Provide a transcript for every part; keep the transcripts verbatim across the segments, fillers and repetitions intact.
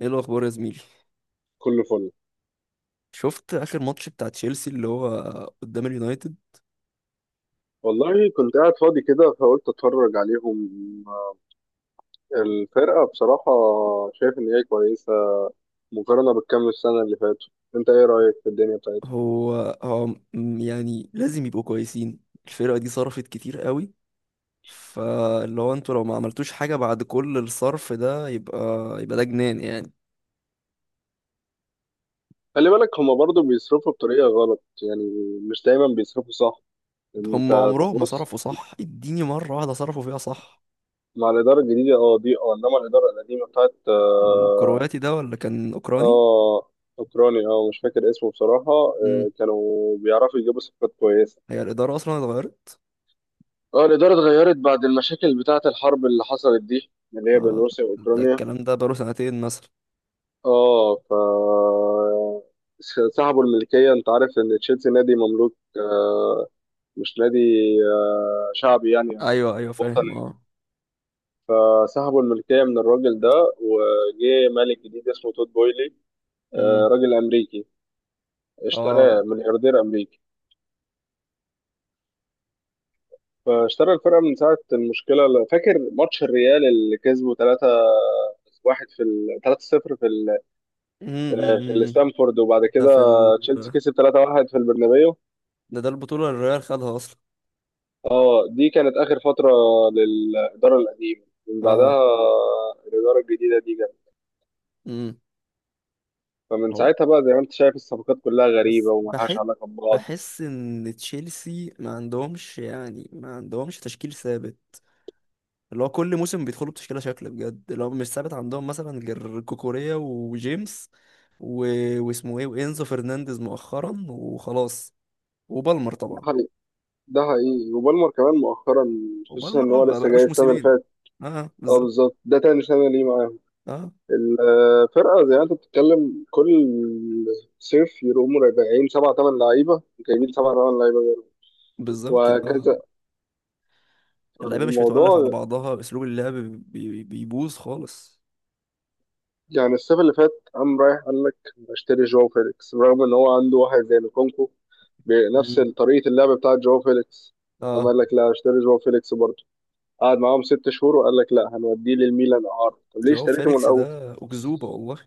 ايه الاخبار يا زميلي؟ كله فل. شفت اخر ماتش بتاع تشيلسي اللي هو قدام اليونايتد؟ والله كنت قاعد فاضي كده فقلت اتفرج عليهم. الفرقة بصراحة شايف ان هي كويسة مقارنة بالكام السنة اللي فاتوا. انت ايه رأيك في الدنيا بتاعتهم؟ هو هو م- يعني لازم يبقوا كويسين. الفرقة دي صرفت كتير قوي، فاللي هو انتوا لو ما عملتوش حاجة بعد كل الصرف ده يبقى يبقى ده جنان يعني. خلي بالك هما برضو بيصرفوا بطريقة غلط يعني، مش دايما بيصرفوا صح. انت هم عمرهم ما تبص، صرفوا صح، اديني مرة واحدة صرفوا فيها صح. مع الإدارة الجديدة اه دي، اه انما الإدارة القديمة بتاعت اه الكرواتي ده ولا كان اوكراني؟ اه، اوكراني، اه مش فاكر اسمه بصراحة، اه، امم، كانوا بيعرفوا يجيبوا صفقات كويسة. هي الإدارة اصلا اتغيرت. اه، الإدارة اتغيرت بعد المشاكل بتاعة الحرب اللي حصلت دي، اللي هي بين آه، روسيا ده وأوكرانيا. الكلام ده بقاله سنتين مثلا. اه ف سحبوا الملكية. أنت عارف إن تشيلسي نادي مملوك، آه، مش نادي، آه، شعبي يعني أو ايوه ايوه، فاهم وطني. اه. فسحبوا الملكية من الراجل ده، وجه مالك جديد اسمه تود بويلي، آه، امم، راجل أمريكي، اه، اشتراه ملياردير أمريكي. فاشترى الفرقة من ساعة المشكلة. فاكر ماتش الريال اللي كسبه ثلاثة واحد في ثلاثة صفر في، امم، آه، أمم. لستامفورد؟ وبعد ده كده في ال... تشيلسي كسب ثلاثة واحد في البرنابيو. ده ده البطولة اللي الريال خدها أصلا. اه، دي كانت اخر فتره للاداره القديمه. من بعدها، اه، آه، الاداره الجديده دي جت. امم. فمن هو ساعتها بقى زي ما انت شايف الصفقات كلها بس غريبه وملهاش بحس، علاقه ببعض. بحس إن تشيلسي ما عندهمش، يعني ما عندهمش تشكيل ثابت. اللي هو كل موسم بيدخلوا بتشكيلة شكل بجد اللي هو مش ثابت عندهم، مثلا غير كوكوريا وجيمس و... واسمه ايه، وإنزو فرنانديز مؤخرا وخلاص. وبالمر ده طبعا. حقيقي، ده حقيقي، وبالمر كمان مؤخرا خصوصا ان وبالمر اه هو بقى- لسه جاي بقالوش السنه اللي موسمين. فاتت. اه اه بالظبط. بالظبط، ده تاني سنه ليه معاهم. اه الفرقه زي ما انت بتتكلم كل صيف يقوموا راجعين سبعة تمن لعيبه، جايبين سبعة تمن لعيبه غيره، بالظبط اه. وهكذا. اللعيبه مش متولف على الموضوع بعضها، اسلوب اللعب بي- بي- بيبوظ خالص. يعني الصيف اللي فات قام رايح قال لك اشتري جواو فيليكس رغم ان هو عنده واحد زي لوكونكو بنفس امم طريقة اللعب بتاعت جواو فيليكس. قام اه. قال لك لا اشتري جواو فيليكس برضه، قعد معاهم ست شهور وقال لك لا هنوديه للميلان اعاره. طب ليه جواو اشتريته من فيليكس الاول؟ ده أكذوبة والله.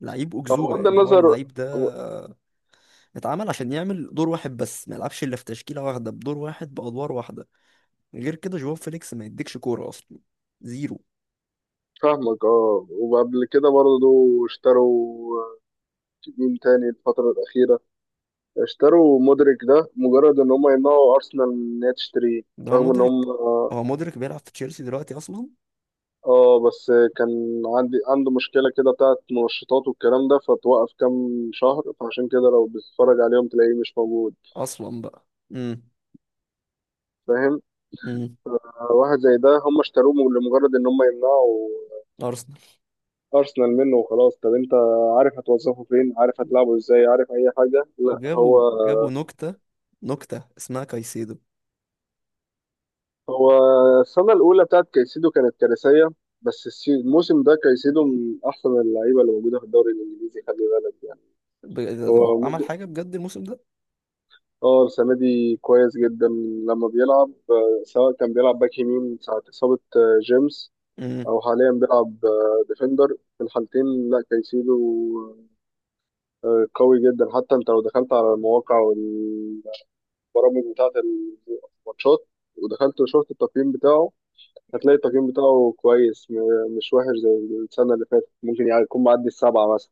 لعيب طب أكذوبة بغض يعني. هو النظر. اللعيب ده اتعمل عشان يعمل دور واحد بس، ما يلعبش إلا في تشكيلة واحدة بدور واحد بأدوار واحدة. غير كده جواو فيليكس ما يديكش كورة أصلا، زيرو. فاهمك. اه، وقبل كده برضه اشتروا، مين تاني الفترة الأخيرة؟ اشتروا مودريك ده مجرد ان هم يمنعوا أرسنال ان هي تشتريه. ده هو رغم ان مدرك. هم هو مدرك بيلعب في تشيلسي دلوقتي أصلا. اه، بس كان عندي عنده مشكلة كده بتاعت منشطات والكلام ده، فتوقف كام شهر، فعشان كده لو بتتفرج عليهم تلاقيه مش موجود. أصلا بقى. امم. فاهم. امم. آه، واحد زي ده هم اشتروه لمجرد ان هم يمنعوا أرسنال. ارسنال منه وخلاص. طب انت عارف هتوظفه فين؟ عارف هتلعبه ازاي؟ عارف اي حاجة؟ لا. هو وجابوا جابوا نكتة، نكتة اسمها كايسيدو. هو السنة الأولى بتاعت كايسيدو كانت كارثية، بس الس- الموسم ده كايسيدو من أحسن اللعيبة اللي موجودة في الدوري الإنجليزي. خلي بالك يعني. ب- ده هو هو عمل ممكن، حاجة بجد الموسم ده؟ اه، السنة دي كويس جدا. لما بيلعب، آه، سواء كان بيلعب باك يمين ساعة إصابة، آه، جيمس، امم. أو حاليا بيلعب، آه، ديفندر، في الحالتين لا كايسيدو، آه، قوي جدا. حتى أنت لو دخلت على المواقع والبرامج بتاعة الماتشات، ودخلت وشفت التقييم بتاعه، هتلاقي التقييم بتاعه كويس، م- مش وحش زي السنة اللي فاتت. ممكن يعني يكون معدي السبعة مثلا.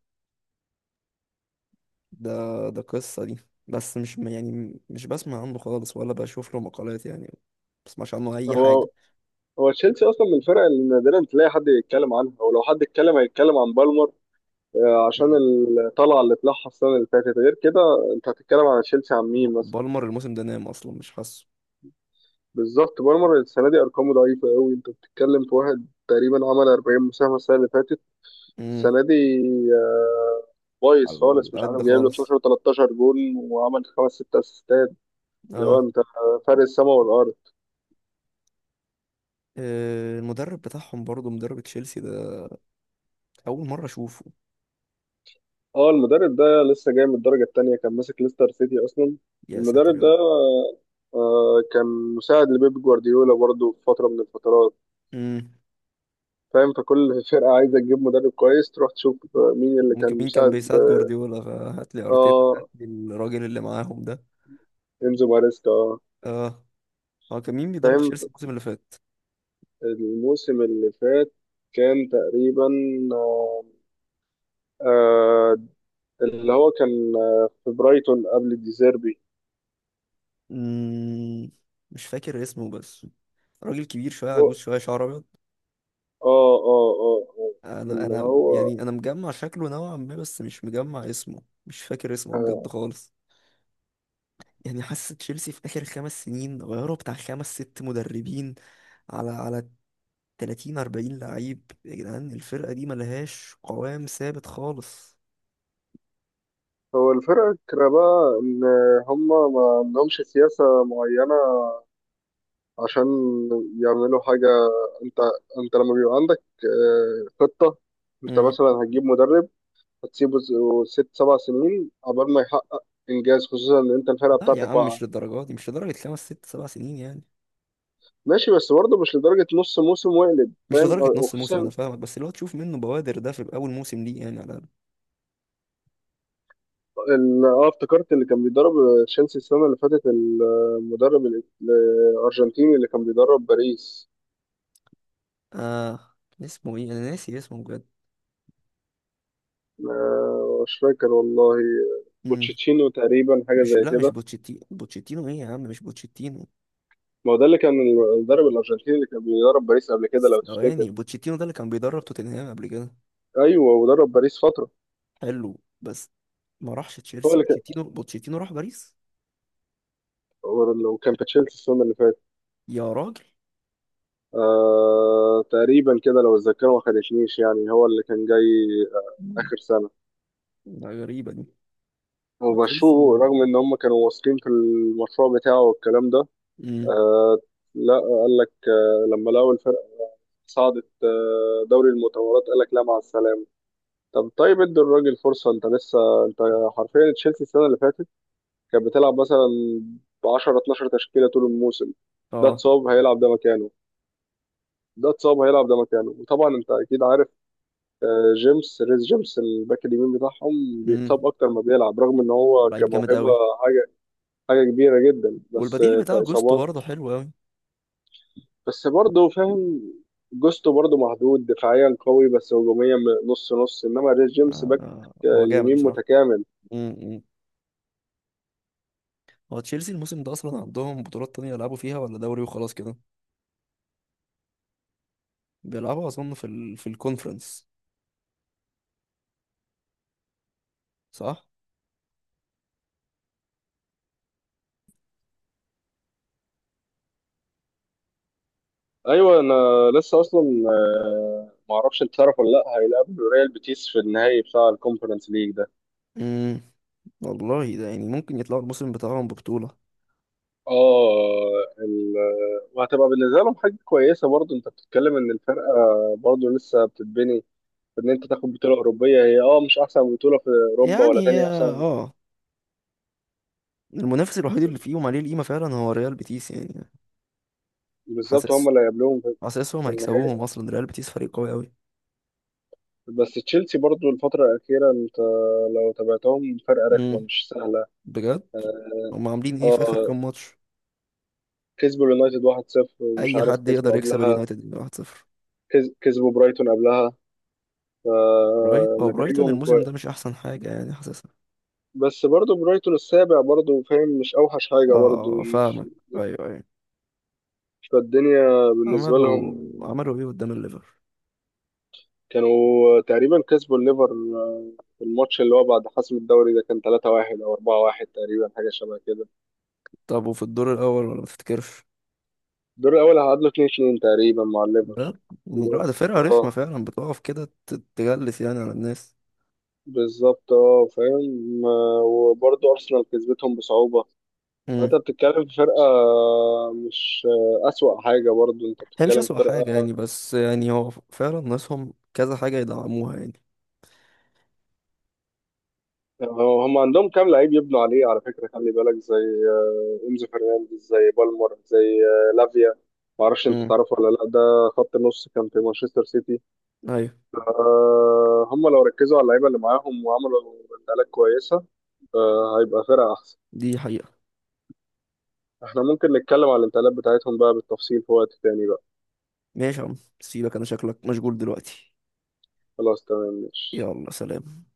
ده ده قصة دي. بس مش م- يعني مش بسمع عنه خالص ولا بشوف له مقالات، يعني ما بسمعش عنه أي حاجة. هو هو تشيلسي أصلا من الفرق اللي نادرا تلاقي حد يتكلم عنها، ولو حد اتكلم هيتكلم عن بالمر، آه، عشان مم. الطلعه اللي طلعها السنه اللي فاتت. غير كده انت هتتكلم على تشيلسي عن مين مثلا؟ بالمر الموسم ده نام أصلا، مش حاسه. بالظبط، مارمر السنه دي ارقامه ضعيفه قوي. انت بتتكلم في واحد تقريبا عمل اربعين مساهمه السنه اللي فاتت، امم. السنه دي، آه، بايظ على خالص. مش عارف قد جايب له خالص. اتناشر تلتاشر جول، وعمل خمس ست اسيستات. لو اه. انت، فرق السما والارض. آه، المدرب بتاعهم برضه، مدرب تشيلسي ده أول مرة أشوفه. اه، المدرب ده لسه جاي من الدرجه الثانيه، كان ماسك ليستر سيتي اصلا. يا ساتر المدرب يا ده، رب. آه، آه، كان مساعد لبيب جوارديولا برضه في فتره من الفترات. امم. فاهم. فكل فرقة عايزة تجيب مدرب كويس تروح تشوف مين اللي ممكن كان مين كان مساعد. بيساعد جوارديولا؟ فهات لي أرتيتا، هات اه، لي الراجل اللي معاهم ده. انزو ماريسكا، اه. اه. هو كان مين بيدرب فاهم. تشيلسي الموسم اللي فات؟ الموسم اللي فات كان تقريبا، آه آه، اللي هو كان، آه، في برايتون قبل ديزيربي. امم، مش فاكر اسمه بس. راجل كبير شوية، هو عجوز شوية، شعر أبيض. اه اه اه آه، أنا اللي أنا هو يعني، أنا مجمع شكله نوعا ما، بس مش مجمع اسمه، مش فاكر اسمه بجد آه خالص. يعني حاسة تشيلسي في آخر خمس سنين غيروا بتاع خمس ست مدربين، على على تلاتين أربعين لعيب يا جدعان. الفرقة دي ملهاش قوام ثابت خالص. هو الفرقة، بقى إن هما ما عندهمش سياسة معينة عشان يعملوا حاجة. انت انت لما بيبقى عندك، آه، خطة، انت مم. مثلا هتجيب مدرب، هتسيبه ز- ست سبع سنين عقبال ما يحقق انجاز، خصوصا ان انت الفرقة لا يا بتاعتك عم واقعة. مش للدرجة دي، مش لدرجة خمس ست سبع سنين يعني. ماشي، بس برضه مش لدرجة نص موسم ويقلب، مش فاهم؟ لدرجة نص موسم، أنا وخصوصا فاهمك، بس اللي هو تشوف منه بوادر ده في أول موسم ليه يعني على الأقل. ال- اه، افتكرت اللي كان بيدرب، آه، تشيلسي السنة اللي فاتت، المدرب ال- الأرجنتيني اللي كان بيدرب باريس، آه، اسمه إيه؟ أنا ناسي اسمه بجد. آه، مش فاكر والله. مم. بوتشيتشينو تقريبا، حاجة مش، زي لا مش كده. بوتشيتينو. بوتشيتينو ايه يا عم؟ مش بوتشيتينو. ما هو ده اللي كان المدرب الأرجنتيني اللي كان بيدرب باريس قبل كده لو تفتكر. ثواني، بوتشيتينو ده اللي كان بيدرب توتنهام قبل كده. ايوه، ودرب باريس فتره. حلو، بس ما راحش هو تشيلسي. اللي كان بوتشيتينو، بوتشيتينو راح باريس هو لو كان في تشيلسي السنه اللي فاتت، يا راجل. آه تقريبا كده لو الذاكره ما خدتنيش. يعني هو اللي كان جاي، آه مم. اخر سنه. ده غريبة دي. وتشيلسي، وبشو رغم ان هم كانوا واثقين في المشروع بتاعه والكلام ده. امم. آه لا قال لك، آه لما لقوا الفرقه صعدت آه دوري المطورات قال لك لا، مع السلامه. طب طيب، ادي الراجل فرصه. انت لسه، انت حرفيا تشيلسي السنه اللي فاتت كانت بتلعب مثلا ب عشر اتناشر تشكيله طول الموسم. ده اه، اتصاب هيلعب ده مكانه، ده اتصاب هيلعب ده مكانه. وطبعا انت اكيد عارف، آه، جيمس، ريس جيمس الباك اليمين بتاعهم امم. بيتصاب اكتر ما بيلعب رغم ان هو لعيب جامد كموهبه قوي. حاجه حاجه كبيره جدا، بس، والبديل آه، بتاع جوستو كاصابات. برضه حلو قوي. بس برضه فاهم، جوستو برضه مهدود دفاعيا قوي بس هجوميا م- نص نص، انما ريس جيمس باك، انا آه، هو جامد يمين بصراحة. متكامل. امم، امم. هو تشيلسي الموسم ده اصلا عندهم بطولات تانية يلعبوا فيها، ولا دوري وخلاص كده؟ بيلعبوا اظن في ال... في الكونفرنس، صح؟ ايوه، انا لسه اصلا، آه، معرفش انت تعرف ولا لا، هيلعب ريال بيتيس في النهائي بتاع الكونفرنس ليج. امم. والله ده يعني ممكن يطلعوا الموسم بتاعهم ببطولة. اه ال... وهتبقى بالنسبه لهم حاجه كويسه برضه. انت بتتكلم ان الفرقه برضه لسه بتتبني. ان انت تاخد بطوله اوروبيه، هي اه مش احسن بطوله في اوروبا ولا يعني تاني اه. احسن. آه. المنافس الوحيد اللي فيهم عليه القيمة فعلا هو ريال بيتيس يعني. بالظبط، هم حاسس، اللي هيقابلوهم في، حاسسهم في هيكسبوهم النهائي. أصلا. ريال بيتيس فريق قوي أوي. بس تشيلسي برضه الفتره الاخيره، انت لو تابعتهم، فرقه رخمه امم. مش سهله. بجد. هم عاملين اه، ايه في آخر آه، كام ماتش؟ كسبوا اليونايتد واحد صفر ومش أي عارف حد كسبوا يقدر يكسب قبلها. اليونايتد من واحد صفر. كز- كسبوا برايتون قبلها. برايت، هو برايتون فنتائجهم الموسم ده كويس، مش أحسن حاجة يعني، حاسسها. بس برضه برايتون السابع برضه، فاهم؟ مش اوحش اه حاجه برضه. آه، فاهمك. أيوه أيوه. فالدنيا بالنسبة عملوا، لهم، عملوا ايه قدام الليفر؟ كانوا تقريبا كسبوا الليفر، آه، في الماتش اللي هو بعد حسم الدوري، ده كان ثلاثة واحد أو اربعة واحد تقريبا، حاجة شبه كده. طب وفي الدور الأول، ولا ما تفتكرش؟ الدور الأول هعادلوا اتنين اتنين تقريبا مع لا، الليفر. لا، و- ده فرقة رخمة اه فعلا، بتقف كده ت- تجلس يعني على الناس. بالظبط، اه، فاهم، آه، وبرضه أرسنال كسبتهم بصعوبة. مم. فأنت بتتكلم في فرقة، آه، مش آه، أسوأ حاجة. برضه أنت هي مش بتتكلم في أسوأ حاجة فرقة، يعني، بس يعني هو فعلا ناسهم كذا حاجة يدعموها يعني. هو هم عندهم كام لعيب يبنوا عليه على فكرة، خلي بالك زي، آه، إنزو فرنانديز، زي بالمر، زي، آه، لافيا، ما اعرفش انت مم. تعرفه ولا لا، ده خط نص كان في مانشستر سيتي. أيوة، آه، هم لو ركزوا على اللعيبة اللي معاهم وعملوا انتقالات كويسة، آه، هيبقى فرقة أحسن. دي حقيقة. احنا ممكن نتكلم على الانتقالات بتاعتهم بقى بالتفصيل في وقت تاني بقى. ماشي يا عم سيبك، أنا شكلك مشغول دلوقتي. خلاص تمام، ماشي. يلا سلام.